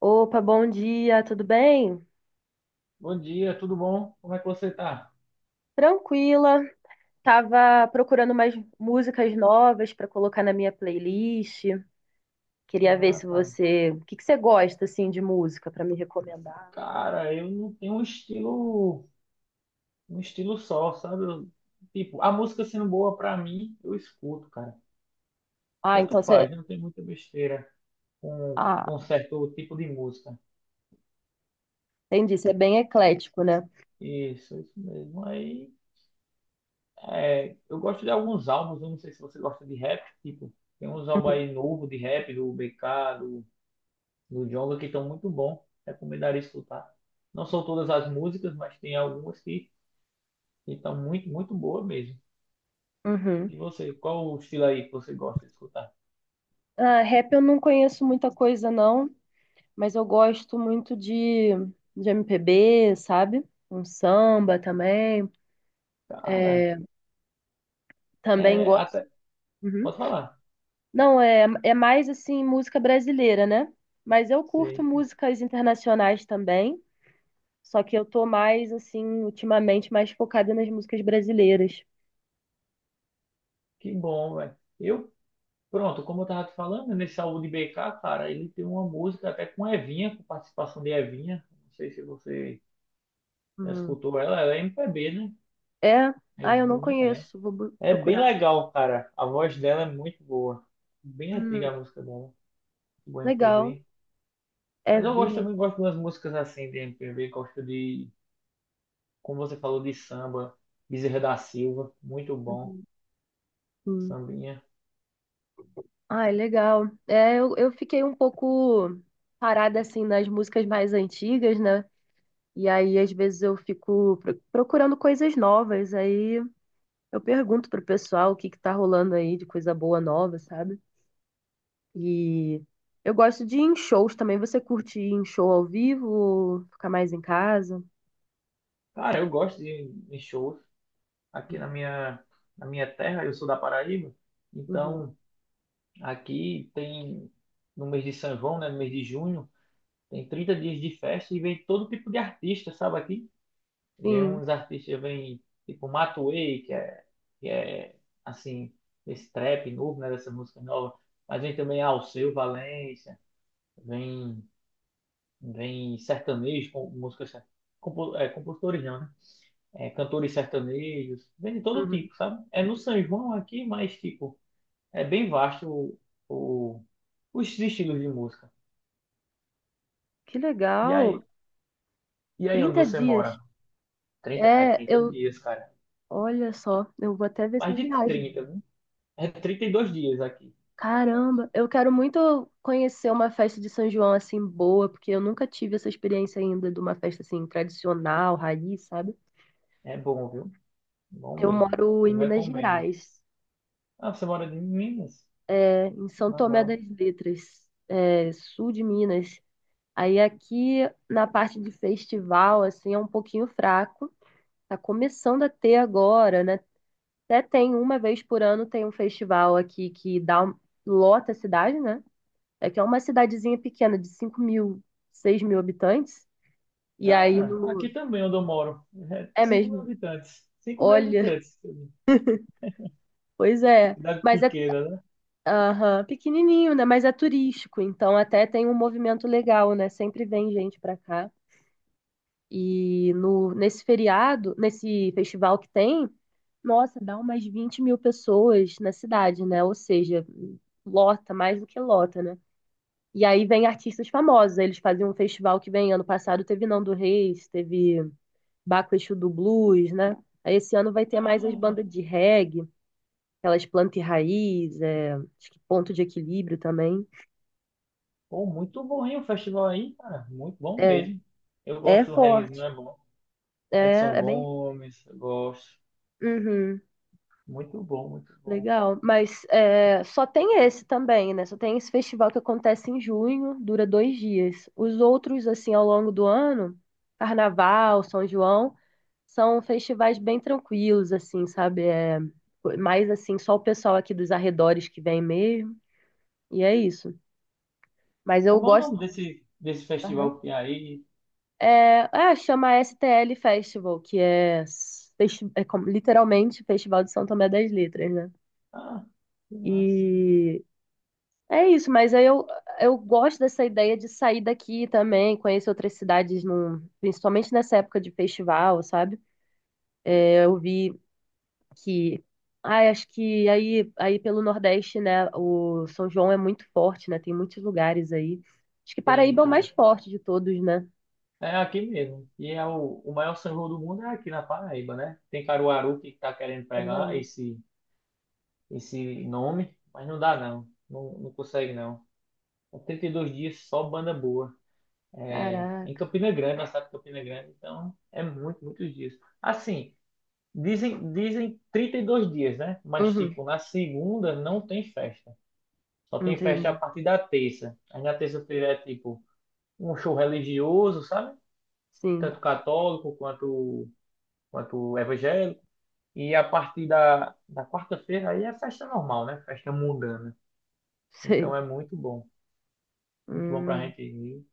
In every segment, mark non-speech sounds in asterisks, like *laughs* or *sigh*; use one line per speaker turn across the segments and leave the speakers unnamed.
Opa, bom dia, tudo bem?
Bom dia, tudo bom? Como é que você tá?
Tranquila. Tava procurando umas músicas novas para colocar na minha playlist. Queria ver
Ah,
se
cara,
você, o que que você gosta assim de música para me recomendar?
cara, eu não tenho um estilo só, sabe? Tipo, a música sendo boa pra mim, eu escuto, cara.
Ah,
Tanto
então
faz,
você,
não tem muita besteira com,
ah,
com certo tipo de música.
entendi, você é bem eclético, né?
Isso mesmo. Aí, eu gosto de alguns álbuns, eu não sei se você gosta de rap, tipo, tem uns álbuns
Uhum.
aí novo de rap, do BK, do Djonga, que estão muito bom. Recomendaria escutar. Não são todas as músicas, mas tem algumas que então, muito boa mesmo.
Uhum.
E você, qual o estilo aí que você gosta de escutar?
Ah, rap eu não conheço muita coisa não, mas eu gosto muito de MPB, sabe? Um samba também.
Cara,
Também
é
gosto.
até.
Uhum.
Pode falar.
Não, é mais assim música brasileira, né? Mas eu curto
Sei.
músicas internacionais também, só que eu tô mais assim ultimamente mais focada nas músicas brasileiras.
Que bom, velho. Pronto, como eu tava te falando, né, nesse álbum de BK, cara, ele tem uma música até com Evinha, com participação de Evinha. Não sei se você já
Hum.
escutou ela, ela é MPB, né?
É, ah, eu não
Evinha, é.
conheço, vou
É bem
procurar.
legal, cara. A voz dela é muito boa. Bem antiga
Hum,
a música dela, do
legal.
MPB.
É
Mas eu gosto
vinha.
também, gosto das músicas assim de MPB, gosto de, como você falou, de samba, Bezerra da Silva, muito bom,
Uhum. Sim.
sambinha.
Ah, é legal. É, eu fiquei um pouco parada assim nas músicas mais antigas, né? E aí às vezes eu fico procurando coisas novas, aí eu pergunto pro pessoal o que que tá rolando aí de coisa boa nova, sabe? E eu gosto de ir em shows também. Você curte ir em show ao vivo ou ficar mais em casa?
Cara, eu gosto de shows aqui na
Uhum,
minha, na minha terra, eu sou da Paraíba,
uhum.
então aqui tem, no mês de São João, né, no mês de junho, tem 30 dias de festa e vem todo tipo de artista, sabe aqui? Vem
Sim.
uns artistas, vem tipo Matuê, que é assim, esse trap novo, né, dessa música nova, mas vem também Alceu Valença, vem vem sertanejos, com músicas, compositores não, né? É, cantores sertanejos, vem de todo
Uhum.
tipo, sabe? É no São João aqui, mas tipo, é bem vasto o- os estilos de música.
Que
E
legal.
aí, e aí onde
30
você mora?
dias.
trinta é
É,
trinta
eu.
dias, cara.
Olha só, eu vou até ver se
Mais
eu
de
viajo.
30, né? É 32 dias aqui na verdade.
Caramba, eu quero muito conhecer uma festa de São João assim boa, porque eu nunca tive essa experiência ainda de uma festa assim tradicional, raiz, sabe?
É bom, viu? Bom
Eu
mesmo.
moro em
Eu
Minas
recomendo.
Gerais.
Ah, você mora em Minas?
É, em São Tomé das
Legal.
Letras, é, sul de Minas. Aí aqui na parte de festival, assim, é um pouquinho fraco. Tá começando a ter agora, né? Até tem uma vez por ano tem um festival aqui que dá lota a cidade, né? É que é uma cidadezinha pequena de 5.000, 6.000 habitantes. E aí
Cara, aqui
no...
também onde eu moro, é
É
5 mil
mesmo.
habitantes, 5 mil
Olha, *laughs*
habitantes,
pois é.
cidade
Mas é
pequena, né?
aham, pequenininho, né? Mas é turístico, então até tem um movimento legal, né? Sempre vem gente pra cá. E no, nesse feriado, nesse festival que tem, nossa, dá umas 20.000 pessoas na cidade, né? Ou seja, lota, mais do que lota, né? E aí vem artistas famosos. Aí eles fazem um festival que vem ano passado, teve Nando Reis, teve Baco Exu do Blues, né? Aí esse ano vai ter
Ah,
mais as bandas de reggae, aquelas planta e raiz, é, acho que ponto de equilíbrio também.
pô, muito bom, hein, o festival aí, cara, muito bom
É,
mesmo. Eu
é
gosto do reggaezinho,
forte.
é bom. Edson
É bem.
Gomes, eu gosto.
Uhum.
Muito bom, muito bom.
Legal, mas é, só tem esse também, né? Só tem esse festival que acontece em junho, dura 2 dias. Os outros, assim, ao longo do ano, Carnaval, São João, são festivais bem tranquilos, assim, sabe? É, mais assim, só o pessoal aqui dos arredores que vem mesmo, e é isso. Mas eu
Como é o nome
gosto.
desse
Aham.
festival que tem aí?
É, ah, chama STL Festival, que é, literalmente Festival de São Tomé das Letras, né?
Ah, que massa.
E É isso, mas aí eu gosto dessa ideia de sair daqui também, conhecer outras cidades, num, principalmente nessa época de festival, sabe? É, eu vi que, ai, acho que aí pelo Nordeste, né, o São João é muito forte, né? Tem muitos lugares aí. Acho que
Tem,
Paraíba é o mais
cara.
forte de todos, né?
É aqui mesmo. E é o maior São João do mundo é aqui na Paraíba, né? Tem Caruaru que tá querendo pegar
Paraíba.
esse nome, mas não dá não, não consegue não. São 32 dias só banda boa. É, em
Caraca.
Campina Grande, na cidade de Campina Grande, então é muitos dias. Assim, dizem 32 dias, né? Mas
Uhum,
tipo, na segunda não tem festa. Só tem festa a
entendi.
partir da terça. Aí na terça-feira é tipo um show religioso, sabe?
Sim,
Tanto católico quanto evangélico. E a partir da quarta-feira aí é festa normal, né? Festa mundana.
*laughs*
Então
sei.
é muito bom. Muito bom pra
Hum,
gente ir.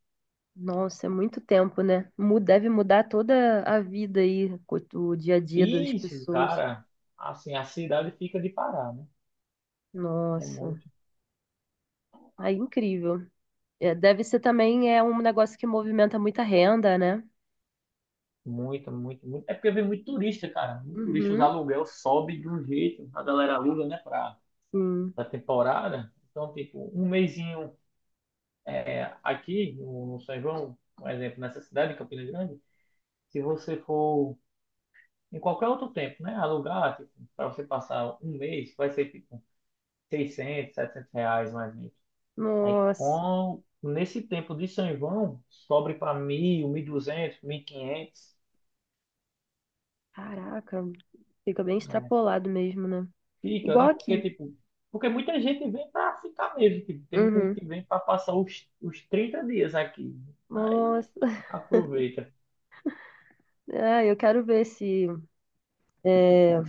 nossa, é muito tempo, né? Deve mudar toda a vida aí, o dia a dia das
Isso,
pessoas.
cara, assim, a cidade fica de parar, né? É
Nossa, aí incrível. É, deve ser também é um negócio que movimenta muita renda, né?
muito. É porque vem muito turista, cara. Muito turista, os
Uhum,
aluguel sobe de um jeito. A galera aluga, né,
sim.
pra temporada. Então, tipo, um mesinho é, aqui no São João, por exemplo, nessa cidade, em Campina Grande, se você for em qualquer outro tempo, né, alugar, tipo, pra você passar um mês, vai ser, tipo, 600, R$ 700 mais ou menos. Aí,
Nossa,
nesse tempo de São João, sobre para 1.000, 1.200, 500,
caraca, fica bem extrapolado mesmo, né?
fica, né?
Igual
Porque,
aqui.
tipo, porque muita gente vem para ficar mesmo. Tipo, tem muita gente
Uhum.
que vem para passar os 30 dias aqui. Aí,
Nossa, *laughs*
aproveita.
ah, eu quero ver se, é,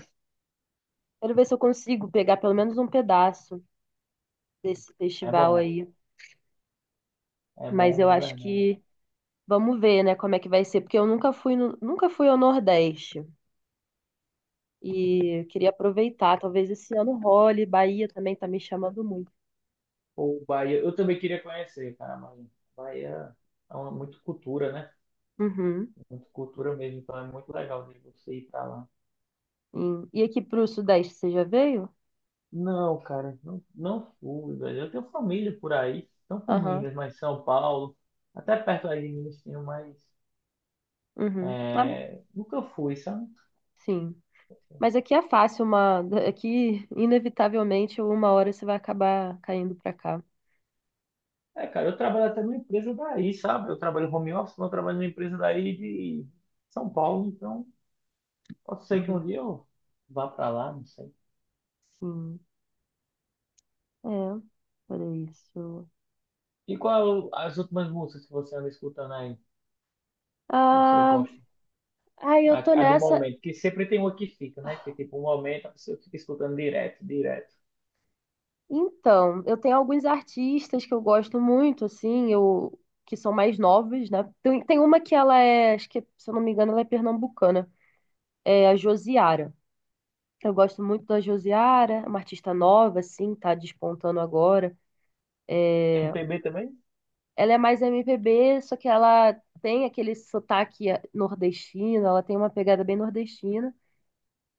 quero ver se eu consigo pegar pelo menos um pedaço desse
É
festival
bom,
aí.
é
Mas
bom
eu
de
acho
verdade.
que vamos ver, né, como é que vai ser, porque eu nunca fui no, nunca fui ao Nordeste. E queria aproveitar, talvez esse ano role, Bahia também tá me chamando muito.
Ou Bahia, eu também queria conhecer, cara, mas Bahia é uma, muito cultura, né?
Uhum.
Muito cultura mesmo, então é muito legal de você ir para lá.
Sim. E aqui pro Sudeste, você já veio?
Não, cara, não fui, velho. Eu tenho família por aí, não por
Aham.
Minas, mas São Paulo, até perto aí de Minas tenho, mas
Uhum. Ah,
é, nunca fui, sabe?
sim. Mas aqui é fácil, aqui inevitavelmente uma hora você vai acabar caindo pra cá.
É, cara, eu trabalho até numa empresa daí, sabe? Eu trabalho home office, mas eu trabalho numa empresa daí de São Paulo, então pode ser que um
Uhum.
dia eu vá pra lá, não sei.
Sim. É, por isso.
E qual é as últimas músicas que você anda escutando aí, que você
Ah,
gosta?
ai, eu tô
A do
nessa
momento, que sempre tem uma que fica, né? Que tipo, um momento a pessoa fica escutando direto.
então, eu tenho alguns artistas que eu gosto muito, assim, que são mais novos, né? Tem uma que ela é, acho que, se eu não me engano, ela é pernambucana, é a Josiara. Eu gosto muito da Josiara, é uma artista nova, assim, tá despontando agora.
MPB também?
Ela é mais MPB, só que ela tem aquele sotaque nordestino, ela tem uma pegada bem nordestina.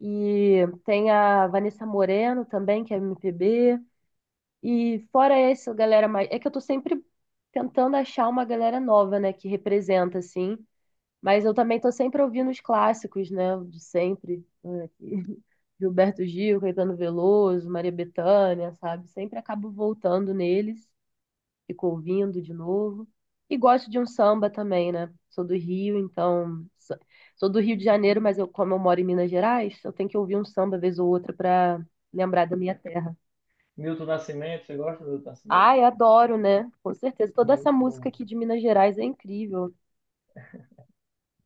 E tem a Vanessa Moreno também, que é MPB. E fora essa galera mais. É que eu tô sempre tentando achar uma galera nova, né, que representa, assim. Mas eu também tô sempre ouvindo os clássicos, né, de sempre. *laughs* Gilberto Gil, Caetano Veloso, Maria Bethânia, sabe? Sempre acabo voltando neles, fico ouvindo de novo. E gosto de um samba também, né? Sou do Rio, então. Sou do Rio de Janeiro, mas eu, como eu moro em Minas Gerais, eu tenho que ouvir um samba vez ou outra pra lembrar da minha terra.
Milton Nascimento, você gosta do Milton Nascimento?
Ai, adoro, né? Com certeza. Toda essa
Muito
música
bom.
aqui de Minas Gerais é incrível.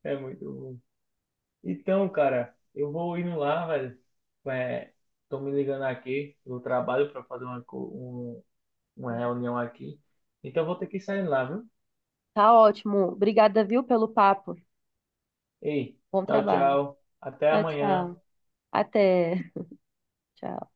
É muito bom. Então, cara, eu vou indo lá, velho. É, tô me ligando aqui do trabalho para fazer uma reunião aqui. Então, eu vou ter que sair lá, viu?
Tá ótimo. Obrigada, viu, pelo papo.
Ei,
Bom
tchau,
trabalho.
tchau. Até
Tchau,
amanhã.
tchau. Até. Tchau.